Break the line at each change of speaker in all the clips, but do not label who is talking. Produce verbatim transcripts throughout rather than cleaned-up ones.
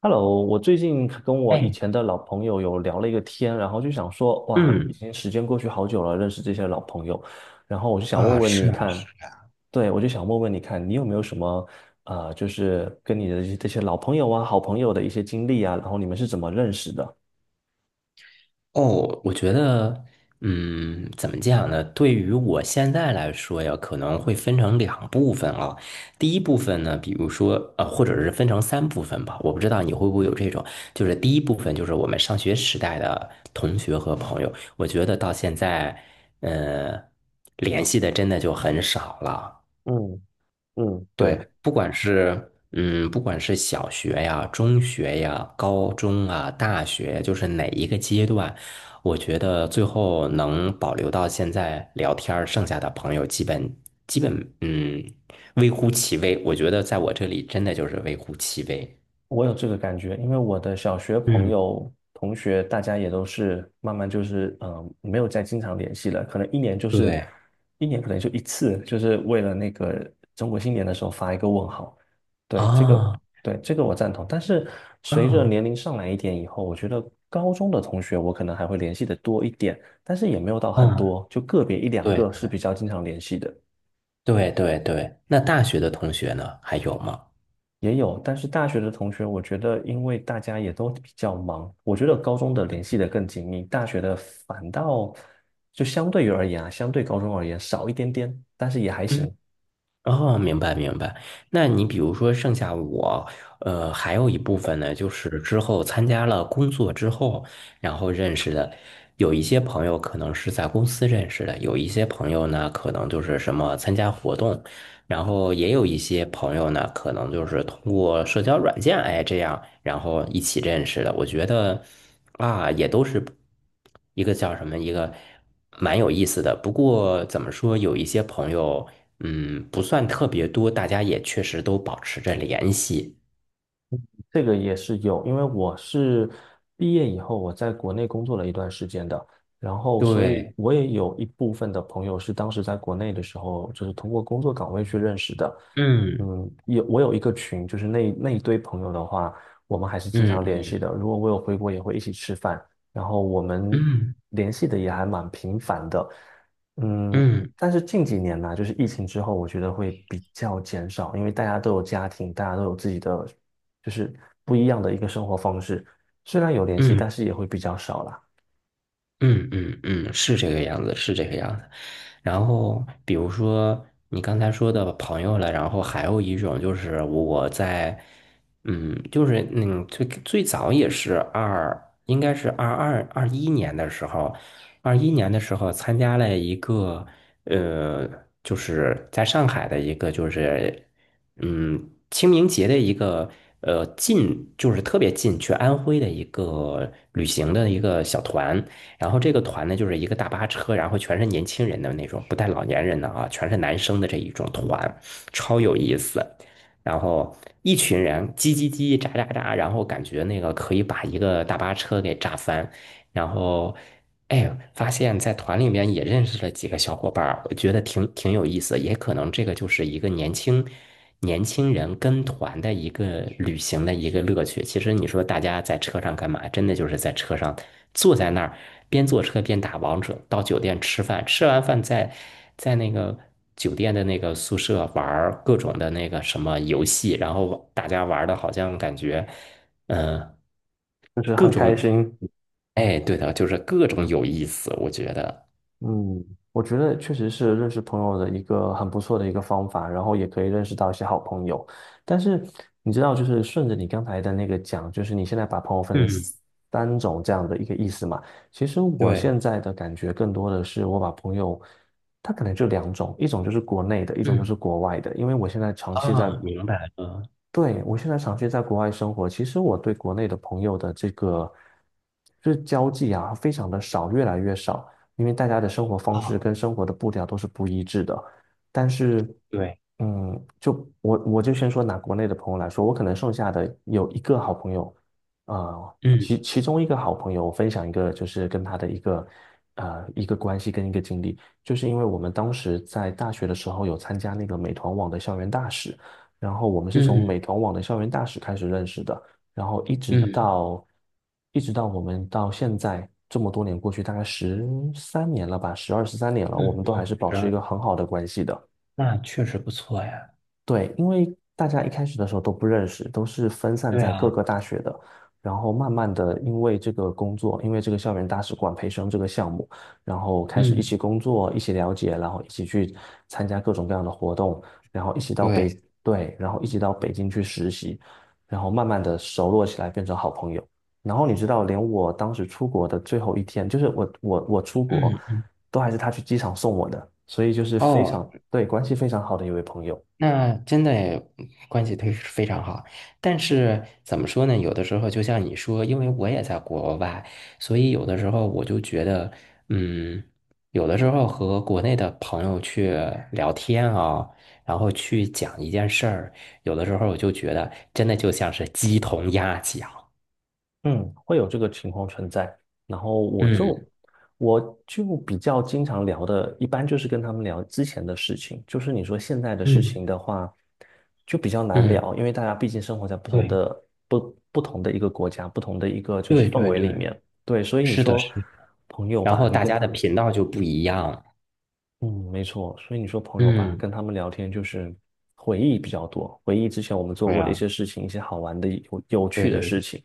Hello，我最近跟我以
哎，
前的老朋友有聊了一个天，然后就想说，哇，已
嗯。
经时间过去好久了，认识这些老朋友，然后我就想问
啊，
问
是
你
啊，是
看，
啊，
对，我就想问问你看，你有没有什么呃，就是跟你的这些这些老朋友啊、好朋友的一些经历啊，然后你们是怎么认识的？
哦，我觉得，嗯，怎么讲呢？对于我现在来说呀，可能会分成两部分啊。第一部分呢，比如说，呃，或者是分成三部分吧。我不知道你会不会有这种，就是第一部分就是我们上学时代的同学和朋友，我觉得到现在，呃，联系的真的就很少了。
嗯嗯，
对，
对。
不管是嗯，不管是小学呀、中学呀、高中啊、大学，就是哪一个阶段，我觉得最后能保留到现在聊天儿剩下的朋友基本基本嗯，微乎其微。我觉得在我这里真的就是微乎其微。
我有这个感觉，因为我的小学朋
嗯，
友、同学，大家也都是慢慢就是，嗯、呃没有再经常联系了，可能一年就是
对
一年，可能就一次，就是为了那个中国新年的时候发一个问号。对，这个，
啊，
对，这个我赞同。但是随着
嗯
年龄上来一点以后，我觉得高中的同学我可能还会联系的多一点，但是也没有到很
嗯，
多，就个别一两
对
个是比较经常联系的。
对对对。那大学的同学呢？还有吗？
也有，但是大学的同学，我觉得因为大家也都比较忙，我觉得高中的联系的更紧密，大学的反倒就相对于而言啊，相对高中而言少一点点，但是也还
嗯。
行。
哦，明白明白。那你比如说，剩下我，呃，还有一部分呢，就是之后参加了工作之后，然后认识的，有一些朋友可能是在公司认识的，有一些朋友呢，可能就是什么参加活动，然后也有一些朋友呢，可能就是通过社交软件，哎，这样，然后一起认识的。我觉得啊，也都是一个叫什么，一个蛮有意思的。不过怎么说，有一些朋友，嗯，不算特别多，大家也确实都保持着联系。
这个也是有，因为我是毕业以后我在国内工作了一段时间的，然后所以
对，
我也有一部分的朋友是当时在国内的时候，就是通过工作岗位去认识的。
嗯
嗯，有我有一个群，就是那那一堆朋友的话，我们还是经常
嗯
联系的。如果我有回国，也会一起吃饭，然后我们
嗯
联系的也还蛮频繁的。嗯，
嗯
但是近几年呢、就是疫情之后，我觉得会比较减少，因为大家都有家庭，大家都有自己的就是不一样的一个生活方式。虽然有联系，
嗯。
但是也会比较少啦，
嗯嗯嗯，是这个样子，是这个样子。然后，比如说你刚才说的朋友了，然后还有一种就是我在，嗯，就是嗯，最最早也是二，应该是二二二一年的时候，二一年的时候参加了一个，呃，就是在上海的一个就是，嗯，清明节的一个。呃，近就是特别近，去安徽的一个旅行的一个小团，然后这个团呢，就是一个大巴车，然后全是年轻人的那种，不带老年人的啊，全是男生的这一种团，超有意思。然后一群人叽叽叽、喳喳喳，然后感觉那个可以把一个大巴车给炸翻。然后，哎，发现在团里面也认识了几个小伙伴儿我觉得挺挺有意思，也可能这个就是一个年轻年轻人跟团的一个旅行的一个乐趣。其实你说大家在车上干嘛？真的就是在车上坐在那儿，边坐车边打王者，到酒店吃饭，吃完饭在在那个酒店的那个宿舍玩各种的那个什么游戏，然后大家玩的好像感觉，嗯、
就是
各
很开
种，
心。
哎，对的，就是各种有意思，我觉得，
嗯，我觉得确实是认识朋友的一个很不错的一个方法，然后也可以认识到一些好朋友。但是你知道，就是顺着你刚才的那个讲，就是你现在把朋友分成
嗯，
三种这样的一个意思嘛。其实我
对，
现在的感觉更多的是，我把朋友，他可能就两种，一种就是国内的，一种就是
嗯，
国外的。因为我现在长期
啊，
在
明白了，
对，我现在长期在国外生活，其实我对国内的朋友的这个就是交际啊，非常的少，越来越少，因为大家的生活方式
啊，
跟生活的步调都是不一致的。但是，
对，
嗯，就我我就先说拿国内的朋友来说，我可能剩下的有一个好朋友，呃，
嗯
其其中一个好朋友，我分享一个就是跟他的一个呃一个关系跟一个经历，就是因为我们当时在大学的时候有参加那个美团网的校园大使。然后我们是从
嗯
美团网的校园大使开始认识的，然后一直
嗯。
到一直到我们到现在这么多年过去，大概十三年了吧，十二十三年了，
嗯
我们都还
嗯，
是保
十
持一
二，
个很好的关系的。
那确实不错呀。
对，因为大家一开始的时候都不认识，都是分散
对
在各
啊，
个大学的，然后慢慢的因为这个工作，因为这个校园大使馆培生这个项目，然后开始一起
嗯，
工作，一起了解，然后一起去参加各种各样的活动，然后一起到北，
对，
对，然后一起到北京去实习，然后慢慢的熟络起来，变成好朋友。然后你知道，连我当时出国的最后一天，就是我我我出国，
嗯，
都还是他去机场送我的，所以就是非
哦，
常，对，关系非常好的一位朋友。
那真的诶关系非非常好。但是怎么说呢？有的时候就像你说，因为我也在国外，所以有的时候我就觉得，嗯，有的时候和国内的朋友去聊天啊，然后去讲一件事儿，有的时候我就觉得真的就像是鸡同鸭讲。
嗯，会有这个情况存在。然后我就
嗯
我就比较经常聊的，一般就是跟他们聊之前的事情。就是你说现在的事
嗯，
情的话，就比较难
嗯，
聊，因为大家毕竟生活在不同
对
的不不同的一个国家，不同的一个就是
对
氛
对
围里
对。
面。对，所以你
是的，
说
是的，
朋友
然
吧，
后
你
大
跟
家
他，
的频道就不一样。
嗯，没错。所以你说朋友吧，
嗯，
跟他们聊天就是回忆比较多，回忆之前我们做
对
过的一
呀，
些事情，一些好玩的、有有
对
趣
对
的
对
事情。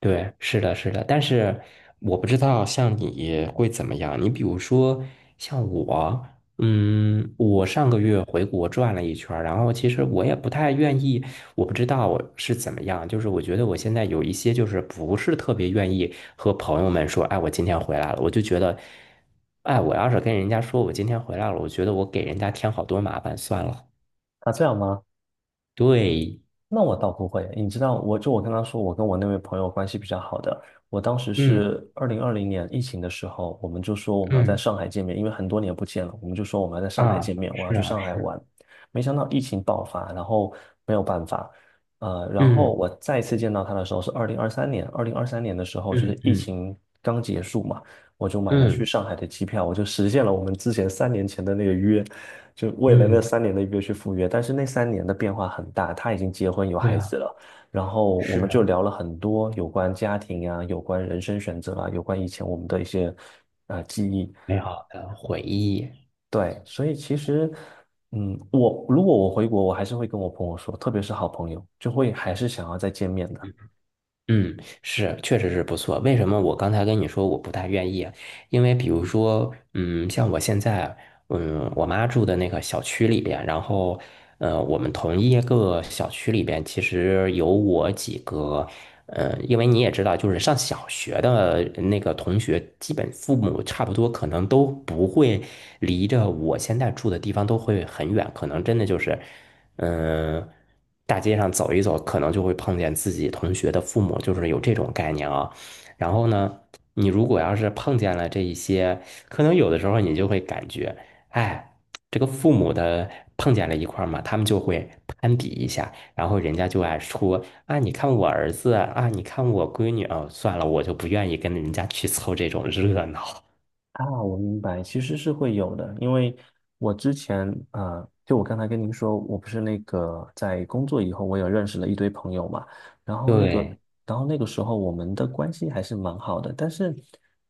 对，是的，是的。但是我不知道像你会怎么样。你比如说像我，嗯，我上个月回国转了一圈儿然后其实我也不太愿意，我不知道我是怎么样。就是我觉得我现在有一些就是不是特别愿意和朋友们说，哎，我今天回来了，我就觉得，哎，我要是跟人家说我今天回来了，我觉得我给人家添好多麻烦，算了。
啊，这样吗？
对，
那我倒不会，你知道，我就我刚刚说，我跟我那位朋友关系比较好的，我当时
嗯
是二零二零年疫情的时候，我们就说我们要在
嗯，
上海见面，因为很多年不见了，我们就说我们要在上海见
啊，
面，我要
是
去
啊
上海
是，
玩。没想到疫情爆发，然后没有办法，呃，然后
嗯
我再次见到他的时候是二零二三年，二零二三年的时候就
嗯
是疫
嗯
情刚结束嘛，我就买了去
嗯
上海的机票，我就实现了我们之前三年前的那个约。就为了那
嗯，
三年的约去赴约，但是那三年的变化很大，他已经结婚有
美
孩子
好
了，然后我
是
们就聊了很多有关家庭啊、有关人生选择啊、有关以前我们的一些呃记忆，
美好的回忆。
对，所以其实，嗯，我如果我回国，我还是会跟我朋友说，特别是好朋友，就会还是想要再见面的。
嗯，是确实是不错。为什么我刚才跟你说我不太愿意？因为比如说，嗯，像我现在，嗯，我妈住的那个小区里边，然后，呃，我们同一个小区里边，其实有我几个，呃，因为你也知道，就是上小学的那个同学，基本父母差不多可能都不会离着我现在住的地方都会很远，可能真的就是，嗯、大街上走一走，可能就会碰见自己同学的父母，就是有这种概念啊。然后呢，你如果要是碰见了这一些，可能有的时候你就会感觉，哎，这个父母的碰见了一块儿嘛，他们就会攀比一下，然后人家就爱说啊，你看我儿子啊，你看我闺女哦，算了，我就不愿意跟人家去凑这种热闹。
啊，我明白，其实是会有的，因为我之前啊、呃就我刚才跟您说，我不是那个在工作以后，我有认识了一堆朋友嘛，然后那个，
对，
然后那个时候我们的关系还是蛮好的，但是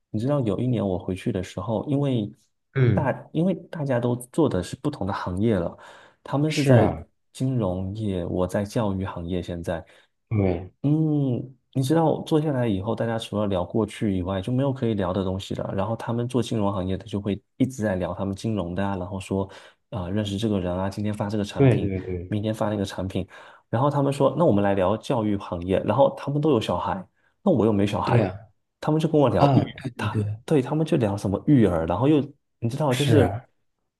你知道，有一年我回去的时候，因为
嗯，
大，因为大家都做的是不同的行业了，他们是
是
在
啊，
金融业，我在教育行业现在。
对，
嗯，你知道坐下来以后，大家除了聊过去以外，就没有可以聊的东西了。然后他们做金融行业的就会一直在聊他们金融的啊，然后说啊、认识这个人啊，今天发这个产
对
品，
对对，
明天发那个产品。然后他们说，那我们来聊教育行业。然后他们都有小孩，那我又没小
对
孩，
啊，
他们就跟我聊
啊，
育，
对对
他
对，
对他们就聊什么育儿，然后又你知道，就是
是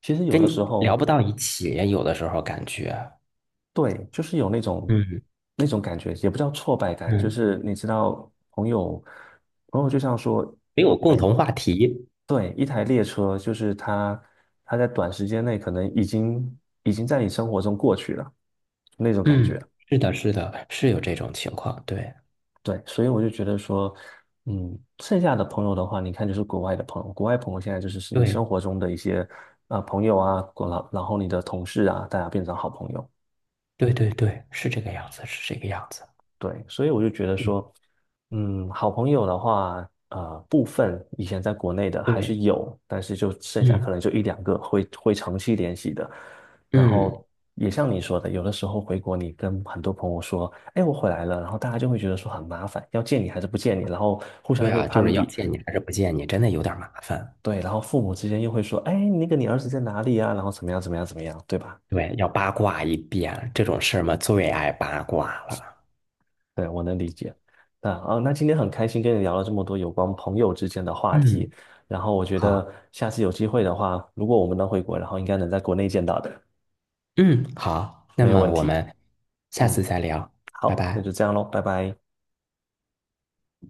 其实有
跟
的时
你聊
候。
不到一起，有的时候感觉，
对，就是有那种
嗯
那种感觉，也不叫挫败感，就
嗯，
是你知道，朋友朋友就像说，
没有共
哎，
同话题。
对，一台列车，就是它它在短时间内可能已经已经在你生活中过去了，那种感觉。
嗯，是的，是的，是有这种情况，对，
对，所以我就觉得说，嗯，剩下的朋友的话，你看就是国外的朋友，国外朋友现在就是是你
对，
生活中的一些啊、呃朋友啊，然后然后你的同事啊，大家变成好朋友。
对，对，对，是这个样子，是这个样子，
对，所以我就觉得
嗯，
说，嗯，好朋友的话，呃，部分以前在国内的还是
对，
有，但是就剩下可
嗯，
能就一两个会会长期联系的。然
嗯，
后也像你说的，有的时候回国，你跟很多朋友说，哎，我回来了，然后大家就会觉得说很麻烦，要见你还是不见你，然后互相
对
又会
啊，就是
攀
要
比，
见你还是不见你，真的有点麻烦，
对，然后父母之间又会说，哎，那个你儿子在哪里啊？然后怎么样怎么样怎么样，对吧？
对，要八卦一遍，这种事儿嘛，最爱八卦了，
对，我能理解。那啊，那今天很开心跟你聊了这么多有关朋友之间的话
嗯，
题，然后我觉
好，
得下次有机会的话，如果我们能回国，然后应该能在国内见到的，
嗯，好，那
没有
么
问
我
题。
们下
嗯，
次再聊，拜
好，那
拜。
就这样喽，拜拜。